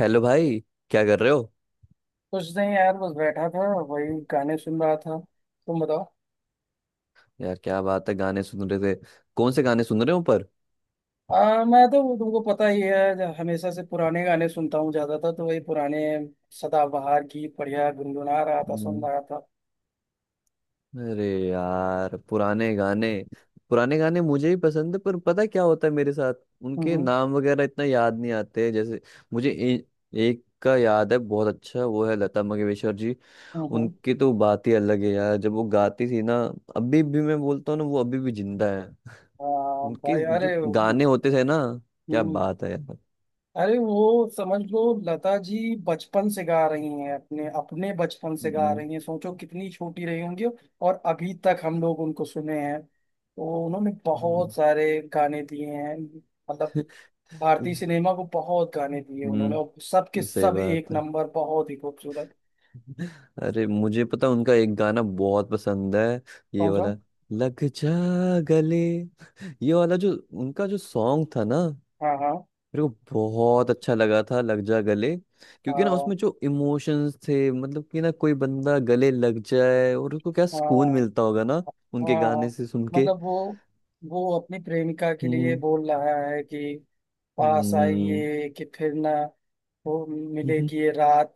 Hello भाई। क्या कर रहे हो? कुछ नहीं यार, बस बैठा था, वही गाने सुन रहा था। तुम बताओ। यार क्या बात है, गाने सुन रहे थे। कौन से गाने सुन रहे हो पर? मैं तो, तुमको पता ही है, हमेशा से पुराने गाने सुनता हूँ। ज्यादातर तो वही पुराने सदाबहार गीत बढ़िया गुनगुना रहा था, सुन हम्म। रहा था। अरे यार, पुराने गाने। पुराने गाने मुझे ही पसंद है, पर पता है क्या होता है मेरे साथ? उनके हम्म नाम वगैरह इतना याद नहीं आते। जैसे मुझे एक का याद है, बहुत अच्छा। वो है लता मंगेशकर जी। हम्म। उनकी तो बात ही अलग है यार। जब वो गाती थी ना, अभी भी मैं बोलता हूँ ना, वो अभी भी जिंदा है। उनके भाई, जो अरे। गाने होते थे ना, क्या हम्म, बात है यार। अरे वो समझ लो, लता जी बचपन से गा रही हैं, अपने अपने बचपन से गा हम्म। रही हैं। सोचो कितनी छोटी रही होंगी, और अभी तक हम लोग उनको सुने हैं। तो उन्होंने बहुत सारे गाने दिए हैं, मतलब भारतीय हम्म। सिनेमा को बहुत गाने दिए उन्होंने, और हम्म, सबके सही सब एक बात है। नंबर, बहुत ही खूबसूरत। अरे, मुझे पता उनका एक गाना बहुत पसंद है। ये कौन सा? वाला, लग जा गले। ये वाला जो उनका जो सॉन्ग था ना। हाँ, हाँ। मेरे को बहुत अच्छा लगा था, लग जा गले, क्योंकि ना हाँ उसमें जो इमोशंस थे, मतलब कि ना, कोई बंदा गले लग जाए और उसको क्या हाँ सुकून मिलता होगा ना। उनके हाँ। गाने से सुन के। मतलब वो अपनी प्रेमिका के लिए हम्म। बोल रहा है कि पास हम्म। आइए, कि फिर ना वो मिले, हम्म। कि ये रात,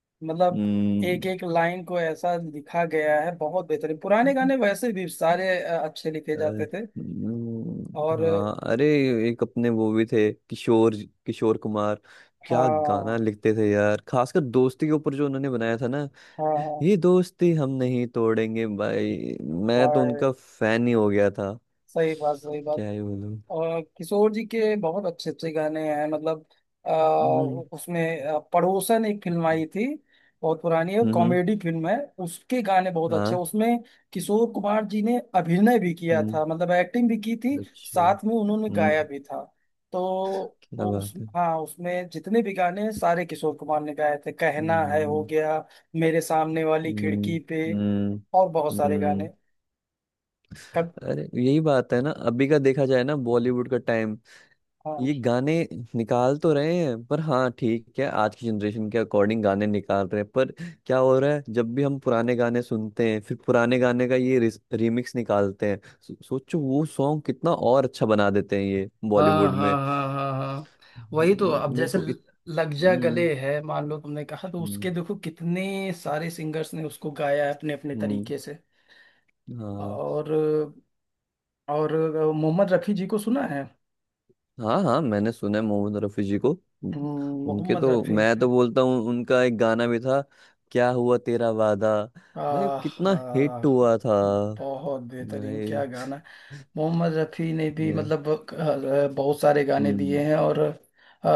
मतलब एक एक लाइन को ऐसा लिखा गया है, बहुत बेहतरीन। पुराने हम्म। गाने वैसे भी सारे अच्छे लिखे अरे। जाते थे। और हाँ। अरे। एक अपने वो भी थे, किशोर किशोर कुमार। क्या गाना हाँ, लिखते थे यार, खासकर दोस्ती के ऊपर जो उन्होंने बनाया था ना। हाँ, हाँ, ये दोस्ती हम नहीं तोड़ेंगे। भाई मैं तो उनका फैन ही हो गया था। सही बात, सही बात। क्या ही बोलूं। और किशोर जी के बहुत अच्छे अच्छे गाने हैं। मतलब अ, हम्म। उसमें पड़ोसन एक फिल्म आई थी, बहुत पुरानी है, हम्म। कॉमेडी फिल्म है। उसके गाने बहुत अच्छे हाँ। हैं उसमें। किशोर कुमार जी ने अभिनय भी किया हम्म। था, मतलब एक्टिंग भी की थी, अच्छा। साथ में उन्होंने गाया हम्म। भी था। तो क्या वो उस बात है। हाँ, उसमें जितने भी गाने हैं, सारे किशोर कुमार ने गाए थे। कहना है, हो हम्म। गया, मेरे सामने वाली खिड़की हम्म। पे, हम्म। और बहुत सारे हम्म। गाने। कब? अरे यही बात है ना, अभी का देखा जाए ना, बॉलीवुड का टाइम। हाँ ये गाने निकाल तो रहे हैं, पर हाँ ठीक है, आज की जनरेशन के अकॉर्डिंग गाने निकाल रहे हैं, पर। क्या हो रहा है, जब भी हम पुराने गाने सुनते हैं, फिर पुराने गाने का ये रिमिक्स निकालते हैं। सोचो वो सॉन्ग कितना और अच्छा बना देते हैं ये हाँ बॉलीवुड में। हाँ हाँ हाँ हाँ वही तो। अब मेरे जैसे को लग जा हम्म। गले है, मान लो तुमने कहा, तो हम्म। उसके देखो कितने सारे सिंगर्स ने उसको गाया है, अपने अपने हम्म। तरीके से। हाँ। और और मोहम्मद रफ़ी जी को सुना है? हाँ हाँ, मैंने सुना है मोहम्मद रफी जी को। उनके मोहम्मद तो रफ़ी। मैं तो बोलता हूँ, उनका एक गाना भी था, क्या हुआ तेरा वादा। भाई कितना हिट आहा, हुआ था। बहुत बेहतरीन, भाई। क्या गाना है। मोहम्मद रफ़ी ने भी या। मतलब बहुत सारे गाने हम्म। दिए हैं। और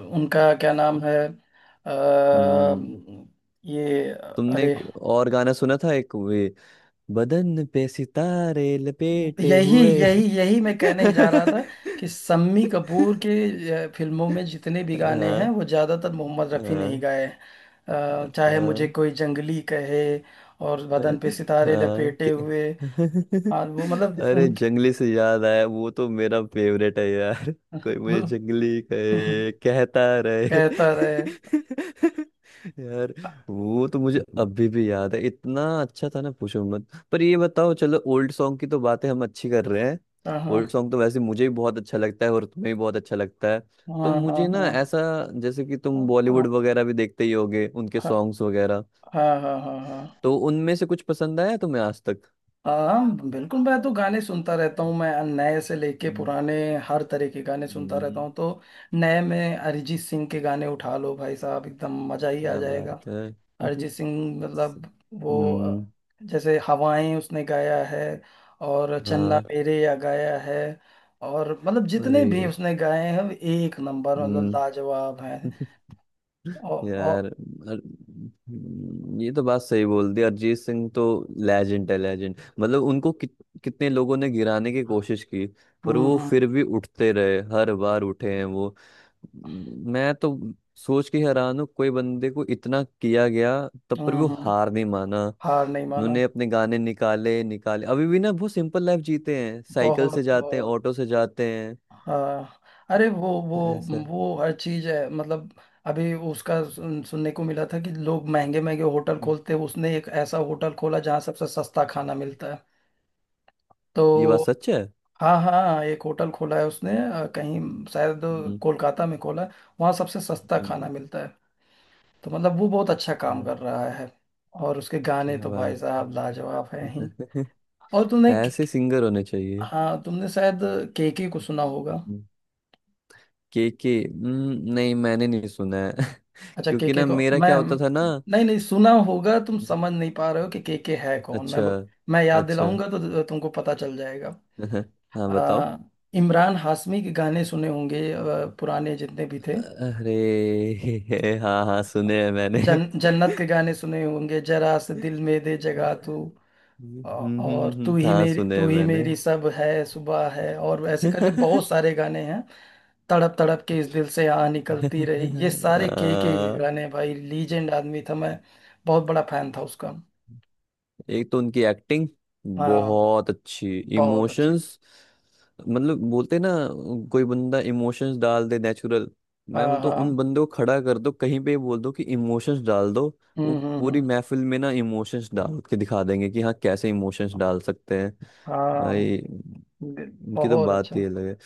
उनका क्या नाम है, हम्म। अ, ये तुमने अरे, एक और गाना सुना था, एक वे, बदन पे सितारे लपेटे यही हुए। यही यही मैं कहने ही जा रहा था, कि सम्मी कपूर के फिल्मों में जितने भी गाने हैं, हाँ। वो ज़्यादातर मोहम्मद रफ़ी ने ही हाँ। गाए हैं। चाहे मुझे हाँ। कोई जंगली कहे, और बदन पे सितारे हाँ लपेटे हुए, और वो मतलब अरे, उनके जंगली से याद आया, वो तो मेरा फेवरेट है यार। कोई मुझे वो जंगली कहे, कहता रहे। कहता रहे। यार। वो तो मुझे अभी भी याद है, इतना अच्छा था ना, पूछो मत। पर ये बताओ, चलो ओल्ड सॉन्ग की तो बातें हम अच्छी कर रहे हैं। हाँ, ओल्ड हाँ, सॉन्ग तो वैसे मुझे भी बहुत अच्छा लगता है और तुम्हें भी बहुत अच्छा लगता है। तो हाँ, हाँ। मुझे ना ऐसा, जैसे कि तुम हाँ हाँ बॉलीवुड वगैरह भी देखते ही होगे, उनके सॉन्ग्स वगैरह। हाँ हाँ हाँ हाँ तो उनमें से कुछ पसंद आया तुम्हें आज तक? हाँ, बिल्कुल, मैं तो गाने सुनता रहता हूँ। मैं नए से लेके हम्म। पुराने, हर तरह के गाने सुनता रहता हम्म। हूँ। तो नए में अरिजीत सिंह के गाने उठा लो भाई साहब, एकदम मजा ही आ क्या जाएगा। बात है। अरिजीत सिंह, मतलब वो हम्म। जैसे हवाएं उसने गाया है, और चन्ना हाँ। मेरे या गाया है, और मतलब जितने अरे। भी उसने गाए हैं, एक नंबर, मतलब हम्म। लाजवाब हैं। और। यार ये तो बात सही बोल दी। अरिजीत सिंह तो लेजेंड है, लेजेंड। मतलब उनको कितने लोगों ने गिराने की कोशिश की। पर हम्म वो हम्म फिर भी उठते रहे, हर बार उठे हैं वो। मैं तो सोच के हैरान हूँ, कोई बंदे को इतना किया गया, तब पर भी हम्म वो हम्म, हार नहीं माना। हार नहीं माना, उन्होंने अपने गाने निकाले निकाले। अभी भी ना बहुत सिंपल लाइफ जीते हैं, साइकिल से बहुत जाते हैं, बहुत। ऑटो से जाते हैं। हाँ, अरे वो ऐसा। वो हर चीज है। मतलब अभी उसका सुनने को मिला था कि लोग महंगे महंगे होटल खोलते हैं, उसने एक ऐसा होटल खोला जहाँ सबसे सस्ता खाना मिलता है। तो ये बात सच है। हाँ, हाँ, एक होटल खोला है उसने, कहीं शायद हम्म। कोलकाता में खोला है, वहाँ सबसे सस्ता खाना मिलता है। तो मतलब वो बहुत अच्छा काम हम्म। कर रहा है, और उसके गाने क्या तो भाई बात है। साहब लाजवाब हैं ही। और तुमने, ऐसे सिंगर होने चाहिए। हाँ तुमने शायद केके को सुना होगा। के के। नहीं, मैंने नहीं सुना है। अच्छा, क्योंकि केके ना को मेरा मैं, क्या होता था ना। नहीं नहीं सुना होगा, तुम हम्म। समझ नहीं पा रहे हो कि केके है कौन। मैं अच्छा। मैं याद अच्छा। दिलाऊंगा तो तुमको पता चल जाएगा। हाँ, आ, बताओ। इमरान हाशमी के गाने सुने होंगे, पुराने जितने भी थे। अरे। हाँ हाँ, सुने हैं मैंने। जन्नत के गाने सुने होंगे, जरा से दिल में दे जगह तू, और तू ही हाँ मेरी, सुने तू हैं ही मैंने। मेरी, सब है, सुबह है, और ऐसे करके बहुत सारे गाने हैं। तड़प तड़प के इस दिल से आ निकलती रही, ये सारे केके के आ, गाने हैं भाई। लीजेंड आदमी था, मैं बहुत बड़ा फैन था उसका। एक तो उनकी एक्टिंग हाँ, बहुत अच्छी बहुत अच्छे। इमोशंस। मतलब बोलते ना, कोई बंदा इमोशंस डाल दे नेचुरल। मैं हाँ, बोलता हूँ, हाँ। उन बंदे को खड़ा कर दो कहीं पे, बोल दो कि इमोशंस डाल दो, वो हम्म हम्म पूरी हम्म, महफिल में ना इमोशंस डाल के दिखा देंगे कि हाँ, कैसे इमोशंस डाल सकते हैं। हाँ, भाई उनकी तो बहुत बात अच्छा। ही अलग है।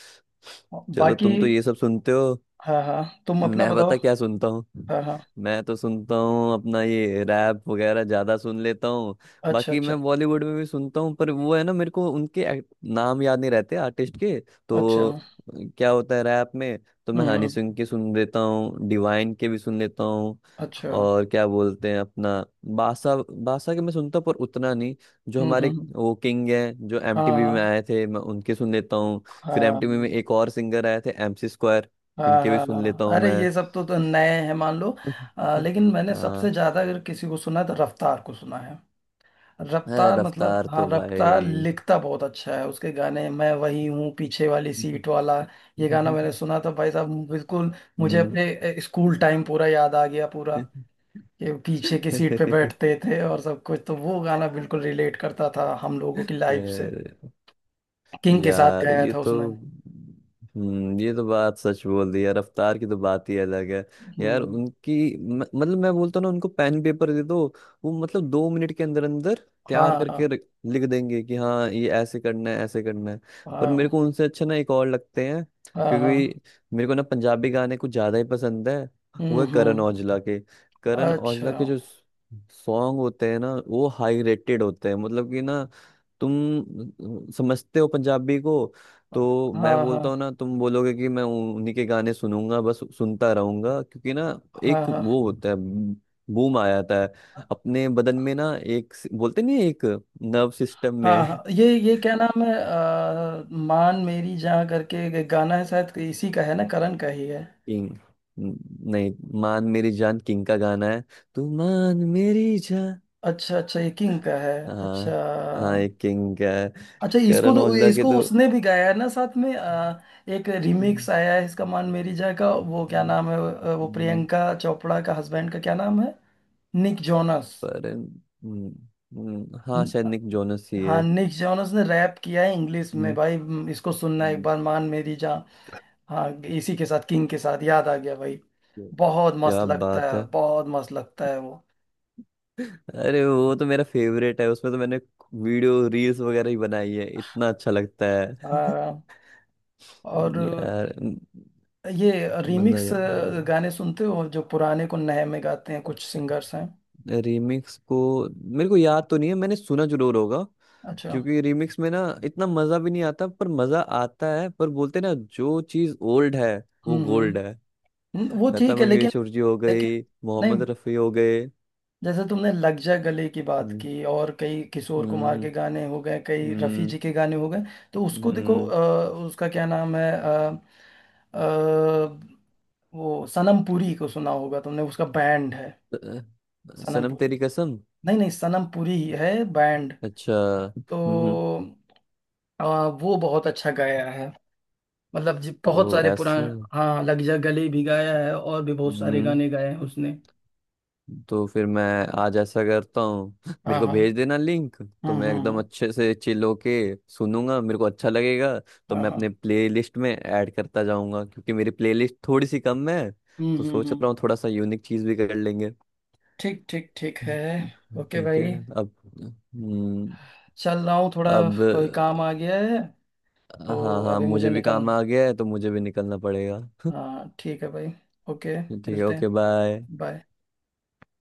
चलो, बाकी, तुम तो ये सब सुनते हो। हाँ हाँ, तुम अपना मैं बताओ। बता क्या सुनता हूँ। हाँ, हाँ। मैं तो सुनता हूँ अपना ये रैप वगैरह, ज्यादा सुन लेता हूँ। अच्छा, बाकी अच्छा। मैं बॉलीवुड में भी सुनता हूँ, पर वो है ना, मेरे को उनके नाम याद नहीं रहते, आर्टिस्ट के अच्छा, तो। क्या होता है, रैप में तो मैं हम्म। हनी सिंह के सुन लेता हूँ, डिवाइन के भी सुन लेता हूँ। अच्छा। और क्या बोलते हैं अपना, बादशाह। बादशाह के मैं सुनता हूँ पर उतना नहीं। जो हम्म हमारे हम्म, वो किंग हैं, जो एमटीवी हाँ में आए थे, मैं उनके सुन लेता हूँ। हाँ हाँ फिर एमटीवी में एक हाँ और सिंगर आए थे, एमसी स्क्वायर, हाँ। उनके भी हाँ। सुन हाँ, लेता हूँ अरे, मैं। ये सब तो नए हैं, मान लो। लेकिन मैंने सबसे हाँ। ज्यादा अगर किसी को सुना है, तो रफ्तार को सुना है। है, रफ्तार, मतलब रफ्तार हाँ, तो रफ्तार भाई। लिखता बहुत अच्छा है। उसके गाने मैं वही हूँ पीछे वाली सीट वाला, ये गाना मैंने सुना था भाई साहब, बिल्कुल मुझे हम्म। अपने स्कूल टाइम पूरा याद आ गया, पूरा कि पीछे की सीट पे बैठते थे और सब कुछ। तो वो गाना बिल्कुल रिलेट करता था हम लोगों की लाइफ से। अ, किंग के साथ यार गाया ये था तो। उसने। ये तो बात सच बोल दी यार, रफ्तार की तो बात ही अलग है। यार हम्म। उनकी मतलब, मैं बोलता हूं ना, उनको पेन पेपर दे दो। वो मतलब, 2 मिनट के अंदर अंदर हाँ तैयार करके हाँ लिख देंगे कि हाँ, ये ऐसे करना है, ऐसे करना है। पर मेरे हाँ, को उनसे अच्छा ना एक और लगते हैं, हाँ, हाँ। क्योंकि मेरे को ना पंजाबी गाने कुछ ज्यादा ही पसंद है। वो हम्म, है करण हम्म, औजला के। करण औजला अच्छा। के जो सॉन्ग होते हैं ना, वो हाई रेटेड होते हैं। मतलब कि ना, तुम समझते हो पंजाबी को। तो मैं हाँ बोलता हूँ ना, हाँ तुम बोलोगे कि मैं उन्हीं के गाने सुनूंगा, बस सुनता रहूंगा, क्योंकि ना हाँ एक हाँ वो होता है, बूम आ जाता है अपने बदन में ना, एक बोलते नहीं, एक नर्व सिस्टम हाँ में। हाँ ये क्या नाम है, मान मेरी जहाँ करके एक गाना है, शायद इसी का है ना, करण का ही है? किंग। नहीं, मान मेरी जान किंग का गाना है, तू मान मेरी जान। अच्छा, अच्छा, ये किंग का है। अच्छा, हाँ। हाँ, एक किंग का है, अच्छा, इसको करण तो औजला के इसको तो। उसने भी गाया है ना साथ में, एक हम्म। रिमिक्स आया है इसका, मान मेरी जहाँ का, वो क्या नाम है, वो हम्म, प्रियंका चोपड़ा का हस्बैंड का क्या नाम है, निक जोनस। पर। हम्म। हाँ शायद न- निक जोनस ही हाँ, है। निक जोनस ने रैप किया है इंग्लिश में हम्म। भाई, इसको सुनना एक हम्म। बार, मान मेरी जहाँ। हाँ, इसी के साथ, किंग के साथ, याद आ गया भाई। क्या। बहुत मस्त क्या लगता बात है, है। बहुत मस्त लगता है वो। अरे वो तो मेरा फेवरेट है, उसमें तो मैंने वीडियो रील्स वगैरह ही बनाई है, इतना अच्छा लगता है। हाँ, और यार ये रीमिक्स मजा। गाने सुनते हो, जो पुराने को नए में गाते हैं, कुछ यार सिंगर्स हैं। रीमिक्स को मेरे को याद तो नहीं है, मैंने सुना जरूर होगा, अच्छा। क्योंकि रीमिक्स में ना इतना मजा भी नहीं आता, पर मजा आता है। पर बोलते ना, जो चीज ओल्ड है वो हम्म गोल्ड हम्म है। वो लता ठीक है, लेकिन, मंगेशकर जी हो लेकिन गई, नहीं, मोहम्मद रफी हो गए। जैसे तुमने लग जा गले की बात हम्म। की, और कई किशोर कुमार के हम्म। गाने हो गए, कई रफ़ी हम्म। जी के गाने हो गए, तो उसको देखो, हम्म। उसका क्या नाम है, अ, वो सनम पुरी को सुना होगा तुमने, उसका बैंड है, सनम सनम पुरी। तेरी कसम। नहीं नहीं सनम पुरी ही है बैंड। अच्छा। तो हम्म। अ, वो बहुत अच्छा गाया है, मतलब जी बहुत ओ सारे ऐसे। पुराने। हाँ, लग जा गले भी गाया है, और भी बहुत सारे हम्म। गाने गाए हैं उसने। तो फिर मैं आज ऐसा करता हूँ, हाँ, मेरे को हाँ, भेज देना लिंक, हम्म। तो मैं एकदम अच्छे से चिल होके सुनूंगा, मेरे को अच्छा लगेगा। तो हाँ, मैं हाँ, अपने प्लेलिस्ट में ऐड करता जाऊंगा, क्योंकि मेरी प्लेलिस्ट थोड़ी सी कम है, हम्म। तो सोच रहा हूँ, थोड़ा सा यूनिक चीज भी कर लेंगे। ठीक, ठीक, ठीक है, ओके ठीक है। भाई। अब। हम्म। चल रहा हूँ थोड़ा, अब। कोई काम आ गया है, हाँ हाँ तो हाँ, अभी मुझे मुझे भी निकल, काम आ गया है, तो मुझे भी निकलना पड़ेगा। हाँ, ठीक है भाई, ओके, ठीक है, मिलते हैं, ओके बाय। बाय।